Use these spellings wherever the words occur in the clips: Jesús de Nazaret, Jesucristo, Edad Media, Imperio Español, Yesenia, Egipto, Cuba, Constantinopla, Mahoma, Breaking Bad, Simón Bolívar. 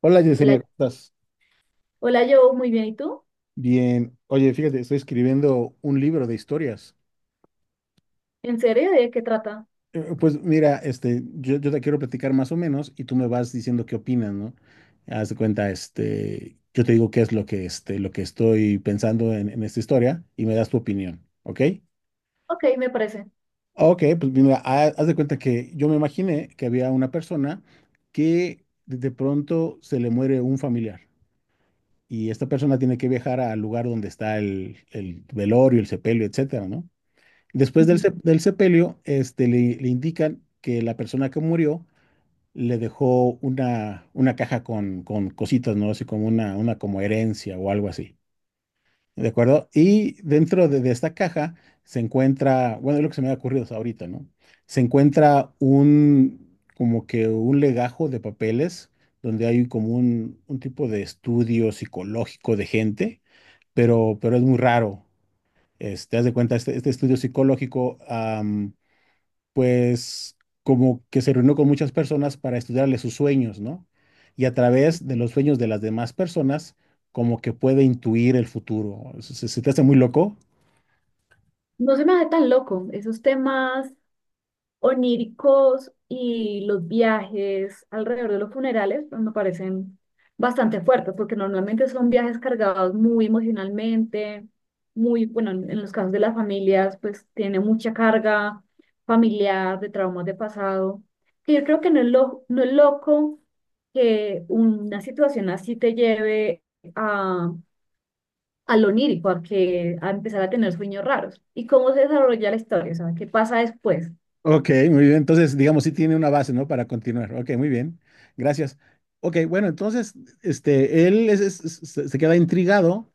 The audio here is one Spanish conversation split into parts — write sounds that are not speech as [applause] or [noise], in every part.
Hola Hola, Yesenia, ¿cómo estás? hola, yo muy bien. ¿Y tú? Bien. Oye, fíjate, estoy escribiendo un libro de historias. ¿En serio? ¿De qué trata? Pues mira, yo te quiero platicar más o menos y tú me vas diciendo qué opinas, ¿no? Haz de cuenta, yo te digo qué es lo que, lo que estoy pensando en esta historia y me das tu opinión, ¿ok? Ok, me parece. Ok, pues mira, haz de cuenta que yo me imaginé que había una persona que de pronto se le muere un familiar y esta persona tiene que viajar al lugar donde está el velorio, el sepelio, etcétera, ¿no? Después Ujú. Del sepelio, le indican que la persona que murió le dejó una caja con cositas, ¿no? Así como una como herencia o algo así. ¿De acuerdo? Y dentro de esta caja se encuentra, bueno, es lo que se me ha ocurrido hasta ahorita, ¿no? Se encuentra un, como que un legajo de papeles donde hay como un tipo de estudio psicológico de gente, pero es muy raro. Haz de cuenta, este estudio psicológico, pues como que se reunió con muchas personas para estudiarle sus sueños, ¿no? Y a través de los sueños de las demás personas, como que puede intuir el futuro. ¿Se te hace muy loco? No se me hace tan loco. Esos temas oníricos y los viajes alrededor de los funerales pues, me parecen bastante fuertes, porque normalmente son viajes cargados muy emocionalmente, muy, bueno, en los casos de las familias, pues tiene mucha carga familiar, de traumas de pasado, que yo creo que no es loco que una situación así te lleve a... a lo onírico, a empezar a tener sueños raros. ¿Y cómo se desarrolla la historia? O sea, ¿qué pasa después? Ok, muy bien. Entonces, digamos, sí tiene una base, ¿no? Para continuar. Ok, muy bien. Gracias. Ok, bueno, entonces, él es- se queda intrigado,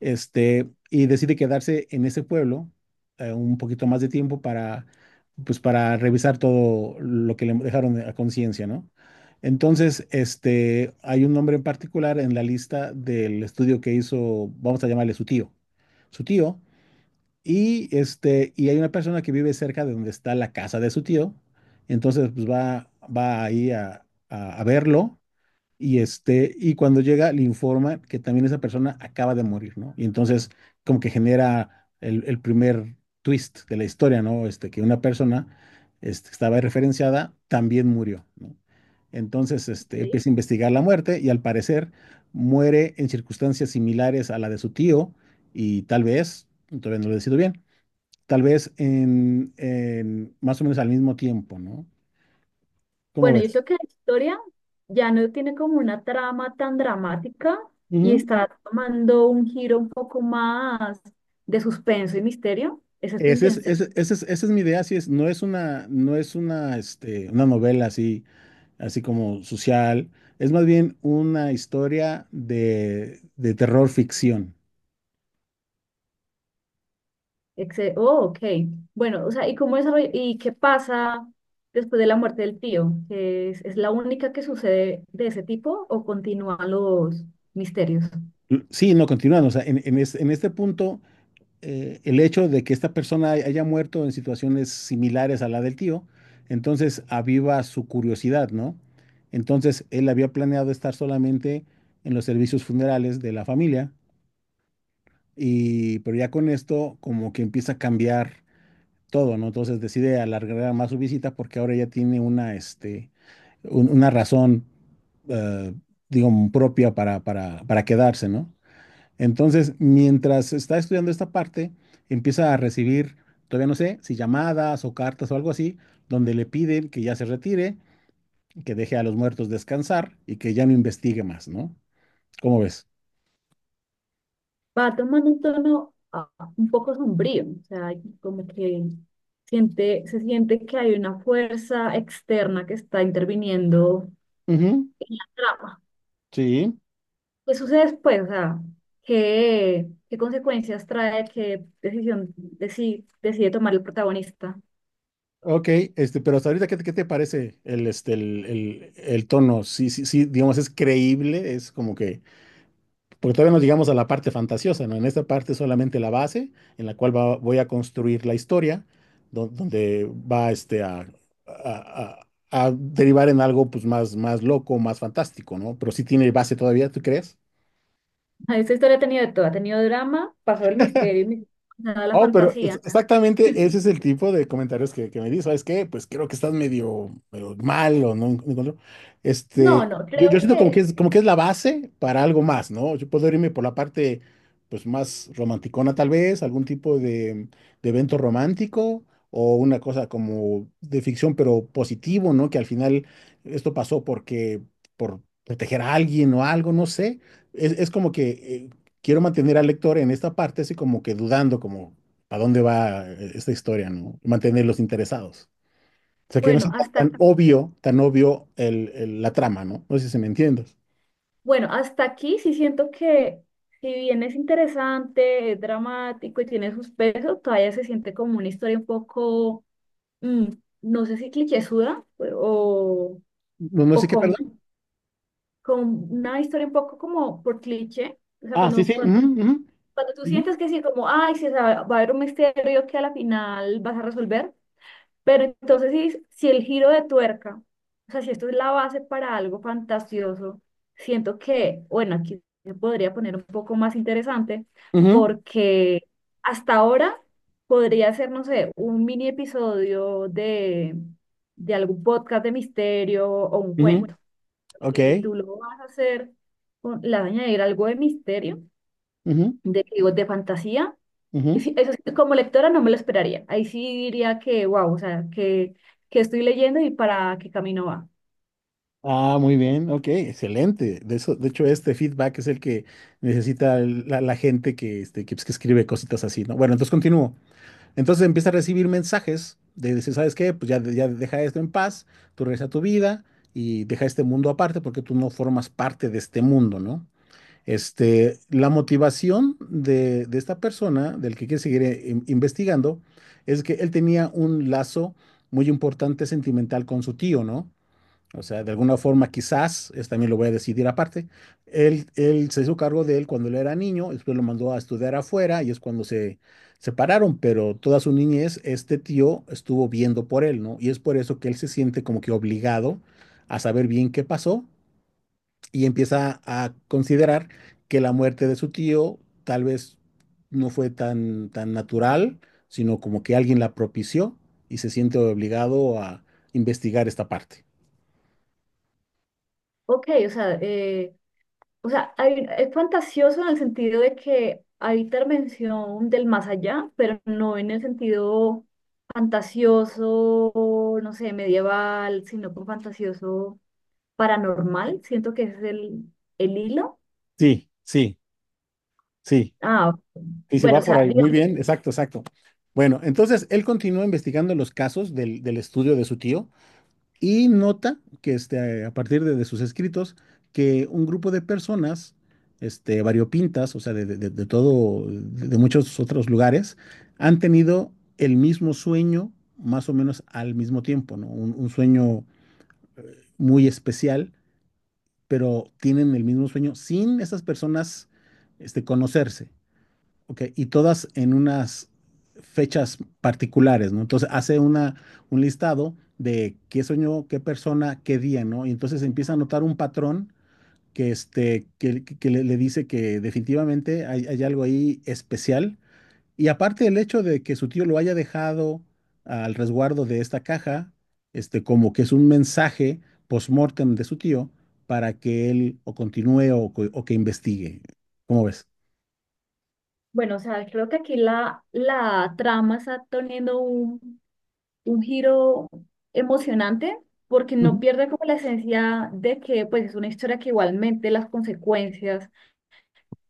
y decide quedarse en ese pueblo un poquito más de tiempo para, pues, para revisar todo lo que le dejaron a conciencia, ¿no? Entonces, hay un nombre en particular en la lista del estudio que hizo, vamos a llamarle su tío, y y hay una persona que vive cerca de donde está la casa de su tío, entonces, pues, va ahí a verlo y y cuando llega, le informa que también esa persona acaba de morir, ¿no? Y entonces, como que genera el primer twist de la historia, ¿no? Que una persona estaba referenciada, también murió, ¿no? Entonces, Ok. empieza a investigar la muerte y al parecer muere en circunstancias similares a la de su tío y tal vez, todavía no lo decido bien, tal vez en más o menos al mismo tiempo, ¿no? ¿Cómo Bueno, yo ves? creo que la historia ya no tiene como una trama tan dramática y está tomando un giro un poco más de suspenso y misterio. Esa es tu Ese es, intención. ese es, esa es mi idea, así es, no es una, no es una, una novela así, así como social, es más bien una historia de terror ficción. Oh, ok. Bueno, o sea, ¿y qué pasa después de la muerte del tío? ¿Es la única que sucede de ese tipo o continúan los misterios? Sí, no, continúan. O sea, en este punto, el hecho de que esta persona haya muerto en situaciones similares a la del tío, entonces aviva su curiosidad, ¿no? Entonces, él había planeado estar solamente en los servicios funerales de la familia. Y, pero ya con esto, como que empieza a cambiar todo, ¿no? Entonces decide alargar más su visita porque ahora ya tiene una, una razón, eh, digo, propia para quedarse, ¿no? Entonces, mientras está estudiando esta parte, empieza a recibir, todavía no sé, si llamadas o cartas o algo así, donde le piden que ya se retire, que deje a los muertos descansar y que ya no investigue más, ¿no? ¿Cómo ves? Va tomando un tono un poco sombrío, o sea, como que se siente que hay una fuerza externa que está interviniendo Ujú. en la trama. Sí. ¿Qué sucede después? O sea, ¿qué consecuencias trae, decide tomar el protagonista? [laughs] Ok, pero hasta ahorita, qué te parece el, el, el tono? Sí, sí, sí, digamos, es creíble, es como que, porque todavía no llegamos a la parte fantasiosa, ¿no? En esta parte solamente la base en la cual voy a construir la historia, donde va a- a derivar en algo pues, más, más loco, más fantástico, ¿no? Pero sí tiene base todavía, ¿tú crees? Ah, esta historia ha tenido de todo, ha tenido drama, pasó el misterio, nada la Oh, pero fantasía. exactamente ese [laughs] es el tipo de comentarios que me dice, ¿sabes qué? Pues creo que estás medio, medio mal o no encuentro. No, no, Yo creo siento que, como que es la base para algo más, ¿no? Yo puedo irme por la parte, pues más romanticona tal vez, algún tipo de evento romántico o una cosa como de ficción, pero positivo, ¿no? Que al final esto pasó porque, por proteger a alguien o algo, no sé. Es como que quiero mantener al lector en esta parte así como que dudando, como a dónde va esta historia, ¿no? Mantenerlos interesados. O sea, que no bueno, sea tan, hasta tan obvio el, la trama, ¿no? No sé si se me entiendes. Bueno, hasta aquí sí siento que si bien es interesante, es dramático y tiene sus pesos, todavía se siente como una historia un poco, mm, no sé si clichésuda o, No, no sé o qué, con, perdón. con una historia un poco como por cliché. O sea, Ah, sí, sí. Ujú, cuando tú ujú, sientes que sí, como, ay, sí, o sea, va a haber un misterio que a la final vas a resolver, pero entonces, si el giro de tuerca, o sea, si esto es la base para algo fantasioso, siento que, bueno, aquí se podría poner un poco más interesante, ujú, porque hasta ahora podría ser, no sé, un mini episodio de algún podcast de misterio o un ujú, ujú. cuento. Ok. Si tú lo vas a hacer, le vas a añadir algo de misterio, Ujú, de, digo, de fantasía, y ujú. sí, eso sí, como lectora no me lo esperaría. Ahí sí diría que, wow, o sea, que estoy leyendo y para qué camino va. Ah, muy bien. Ok, excelente. De eso, de hecho, este feedback es el que necesita la, la gente que, que, pues, que escribe cositas así, ¿no? Bueno, entonces continúo. Entonces empieza a recibir mensajes de decir, ¿sabes qué? Pues ya, ya deja esto en paz, tú regresa a tu vida y deja este mundo aparte porque tú no formas parte de este mundo, ¿no? La motivación de esta persona, del que quiere seguir investigando, es que él tenía un lazo muy importante sentimental con su tío, ¿no? O sea, de alguna forma quizás, es también lo voy a decidir aparte, él se hizo cargo de él cuando él era niño, después lo mandó a estudiar afuera y es cuando se separaron, pero toda su niñez este tío estuvo viendo por él, ¿no? Y es por eso que él se siente como que obligado a saber bien qué pasó y empieza a considerar que la muerte de su tío tal vez no fue tan, tan natural, sino como que alguien la propició y se siente obligado a investigar esta parte. Ok, o sea, es fantasioso en el sentido de que hay intervención del más allá, pero no en el sentido fantasioso, no sé, medieval, sino con fantasioso paranormal. Siento que ese es el hilo. Sí, sí, sí. Ah, Y si bueno, o va por sea, ahí. Muy digamos, bien, exacto, exacto. Bueno, entonces él continúa investigando los casos del estudio de su tío. Y nota que a partir de sus escritos que un grupo de personas variopintas, o sea, de todo, de muchos otros lugares, han tenido el mismo sueño más o menos al mismo tiempo, ¿no? Un sueño muy especial, pero tienen el mismo sueño sin esas personas conocerse. Ok, y todas en unas fechas particulares, ¿no? Entonces hace una, un listado de qué soñó, qué persona, qué día, ¿no? Y entonces empieza a notar un patrón que, que le dice que definitivamente hay, hay algo ahí especial. Y aparte el hecho de que su tío lo haya dejado al resguardo de esta caja, como que es un mensaje post-mortem de su tío para que él o continúe o, o que investigue. ¿Cómo ves? bueno, o sea, creo que aquí la trama está teniendo un giro emocionante porque no pierde como la esencia de que pues es una historia que igualmente las consecuencias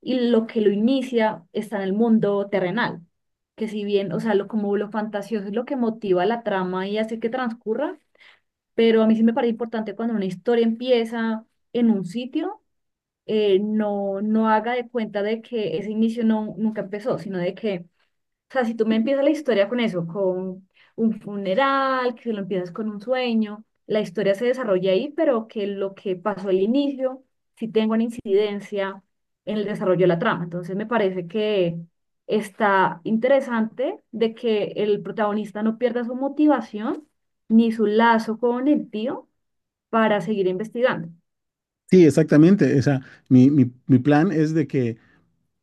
y lo que lo inicia está en el mundo terrenal, que si bien, o sea, lo como lo fantasioso es lo que motiva la trama y hace que transcurra, pero a mí sí me parece importante cuando una historia empieza en un sitio, no haga de cuenta de que ese inicio nunca empezó, sino de que o sea, si tú me empiezas la historia con eso, con un funeral, que lo empiezas con un sueño, la historia se desarrolla ahí, pero que lo que pasó al inicio sí tenga una incidencia en el desarrollo de la trama. Entonces me parece que está interesante de que el protagonista no pierda su motivación ni su lazo con el tío para seguir investigando. Sí, exactamente. O sea, mi plan es de que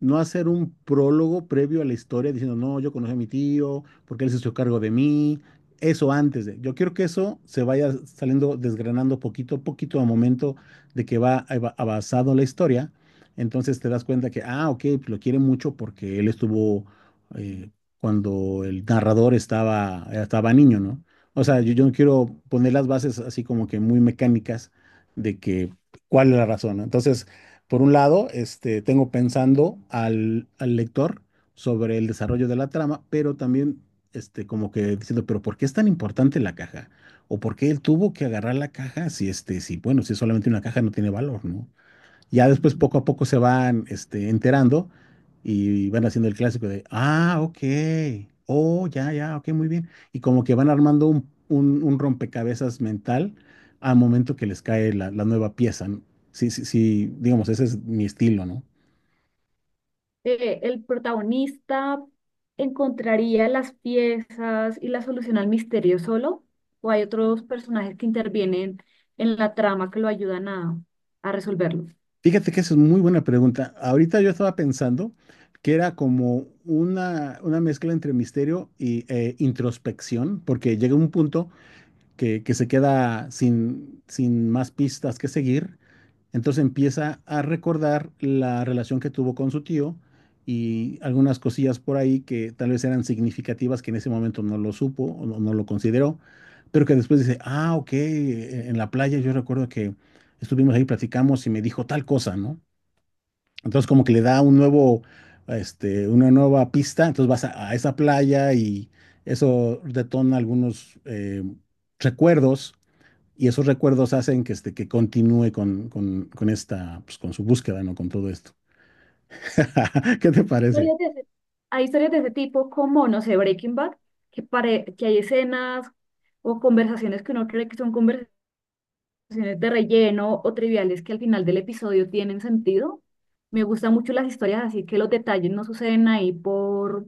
no hacer un prólogo previo a la historia diciendo, no, yo conocí a mi tío, porque él se hizo cargo de mí. Eso antes de. Yo quiero que eso se vaya saliendo, desgranando poquito a poquito a momento de que va avanzando la historia. Entonces te das cuenta que, ah, ok, pues lo quiere mucho porque él estuvo eh, cuando el narrador estaba niño, ¿no? O sea, yo no quiero poner las bases así como que muy mecánicas de que cuál es la razón, ¿no? Entonces por un lado, tengo pensando al lector sobre el desarrollo de la trama, pero también como que diciendo, pero ¿por qué es tan importante la caja? ¿O por qué él tuvo que agarrar la caja si, si, bueno, si es solamente una caja no tiene valor, ¿no? Ya después poco a poco se van enterando y van haciendo el clásico de, ah, ok, oh, ya, ya, ok, muy bien. Y como que van armando un, un rompecabezas mental al momento que les cae la, la nueva pieza. ¿No? Sí, sí, sí, digamos, ese es mi estilo, ¿no? Eh, el protagonista encontraría las piezas y la solución al misterio solo, o hay otros personajes que intervienen en la trama que lo ayudan a resolverlo. Fíjate que esa es muy buena pregunta. Ahorita yo estaba pensando que era como una mezcla entre misterio y introspección, porque llega un punto que se queda sin, sin más pistas que seguir. Entonces empieza a recordar la relación que tuvo con su tío y algunas cosillas por ahí que tal vez eran significativas que en ese momento no lo supo o no, no lo consideró, pero que después dice, ah, ok, en la playa yo recuerdo que estuvimos ahí, platicamos y me dijo tal cosa, ¿no? Entonces como que le da un nuevo, una nueva pista, entonces vas a esa playa y eso detona algunos recuerdos y esos recuerdos hacen que, que continúe con esta, pues, con su búsqueda, ¿no? Con todo esto. [laughs] ¿Qué te parece? Historias de ese- Hay historias de ese tipo como, no sé, Breaking Bad, que, que hay escenas o conversaciones que uno cree que son conversaciones de relleno o triviales que al final del episodio tienen sentido. Me gustan mucho las historias, así que los detalles no suceden ahí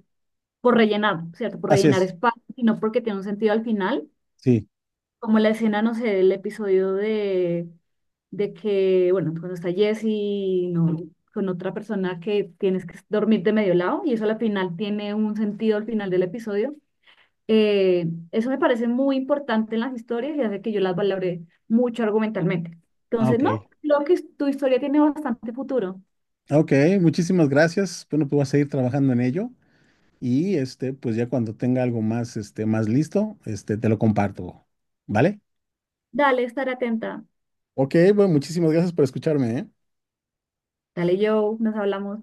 por rellenar, ¿cierto? Por Así rellenar es, espacio, sino porque tiene un sentido al final, sí. como la escena, no sé, del episodio de que, bueno, cuando está Jesse, no, con otra persona que tienes que dormir de medio lado, y eso al final tiene un sentido al final del episodio. Eso me parece muy importante en las historias y hace que yo las valore mucho argumentalmente. Ah, Entonces, ok. no, tu historia tiene bastante futuro. Ok, muchísimas gracias. Bueno, pues voy a seguir trabajando en ello y pues ya cuando tenga algo más, más listo, te lo comparto, ¿vale? Dale, estar atenta. Ok, bueno, muchísimas gracias por escucharme, ¿eh? Dale, yo, nos hablamos.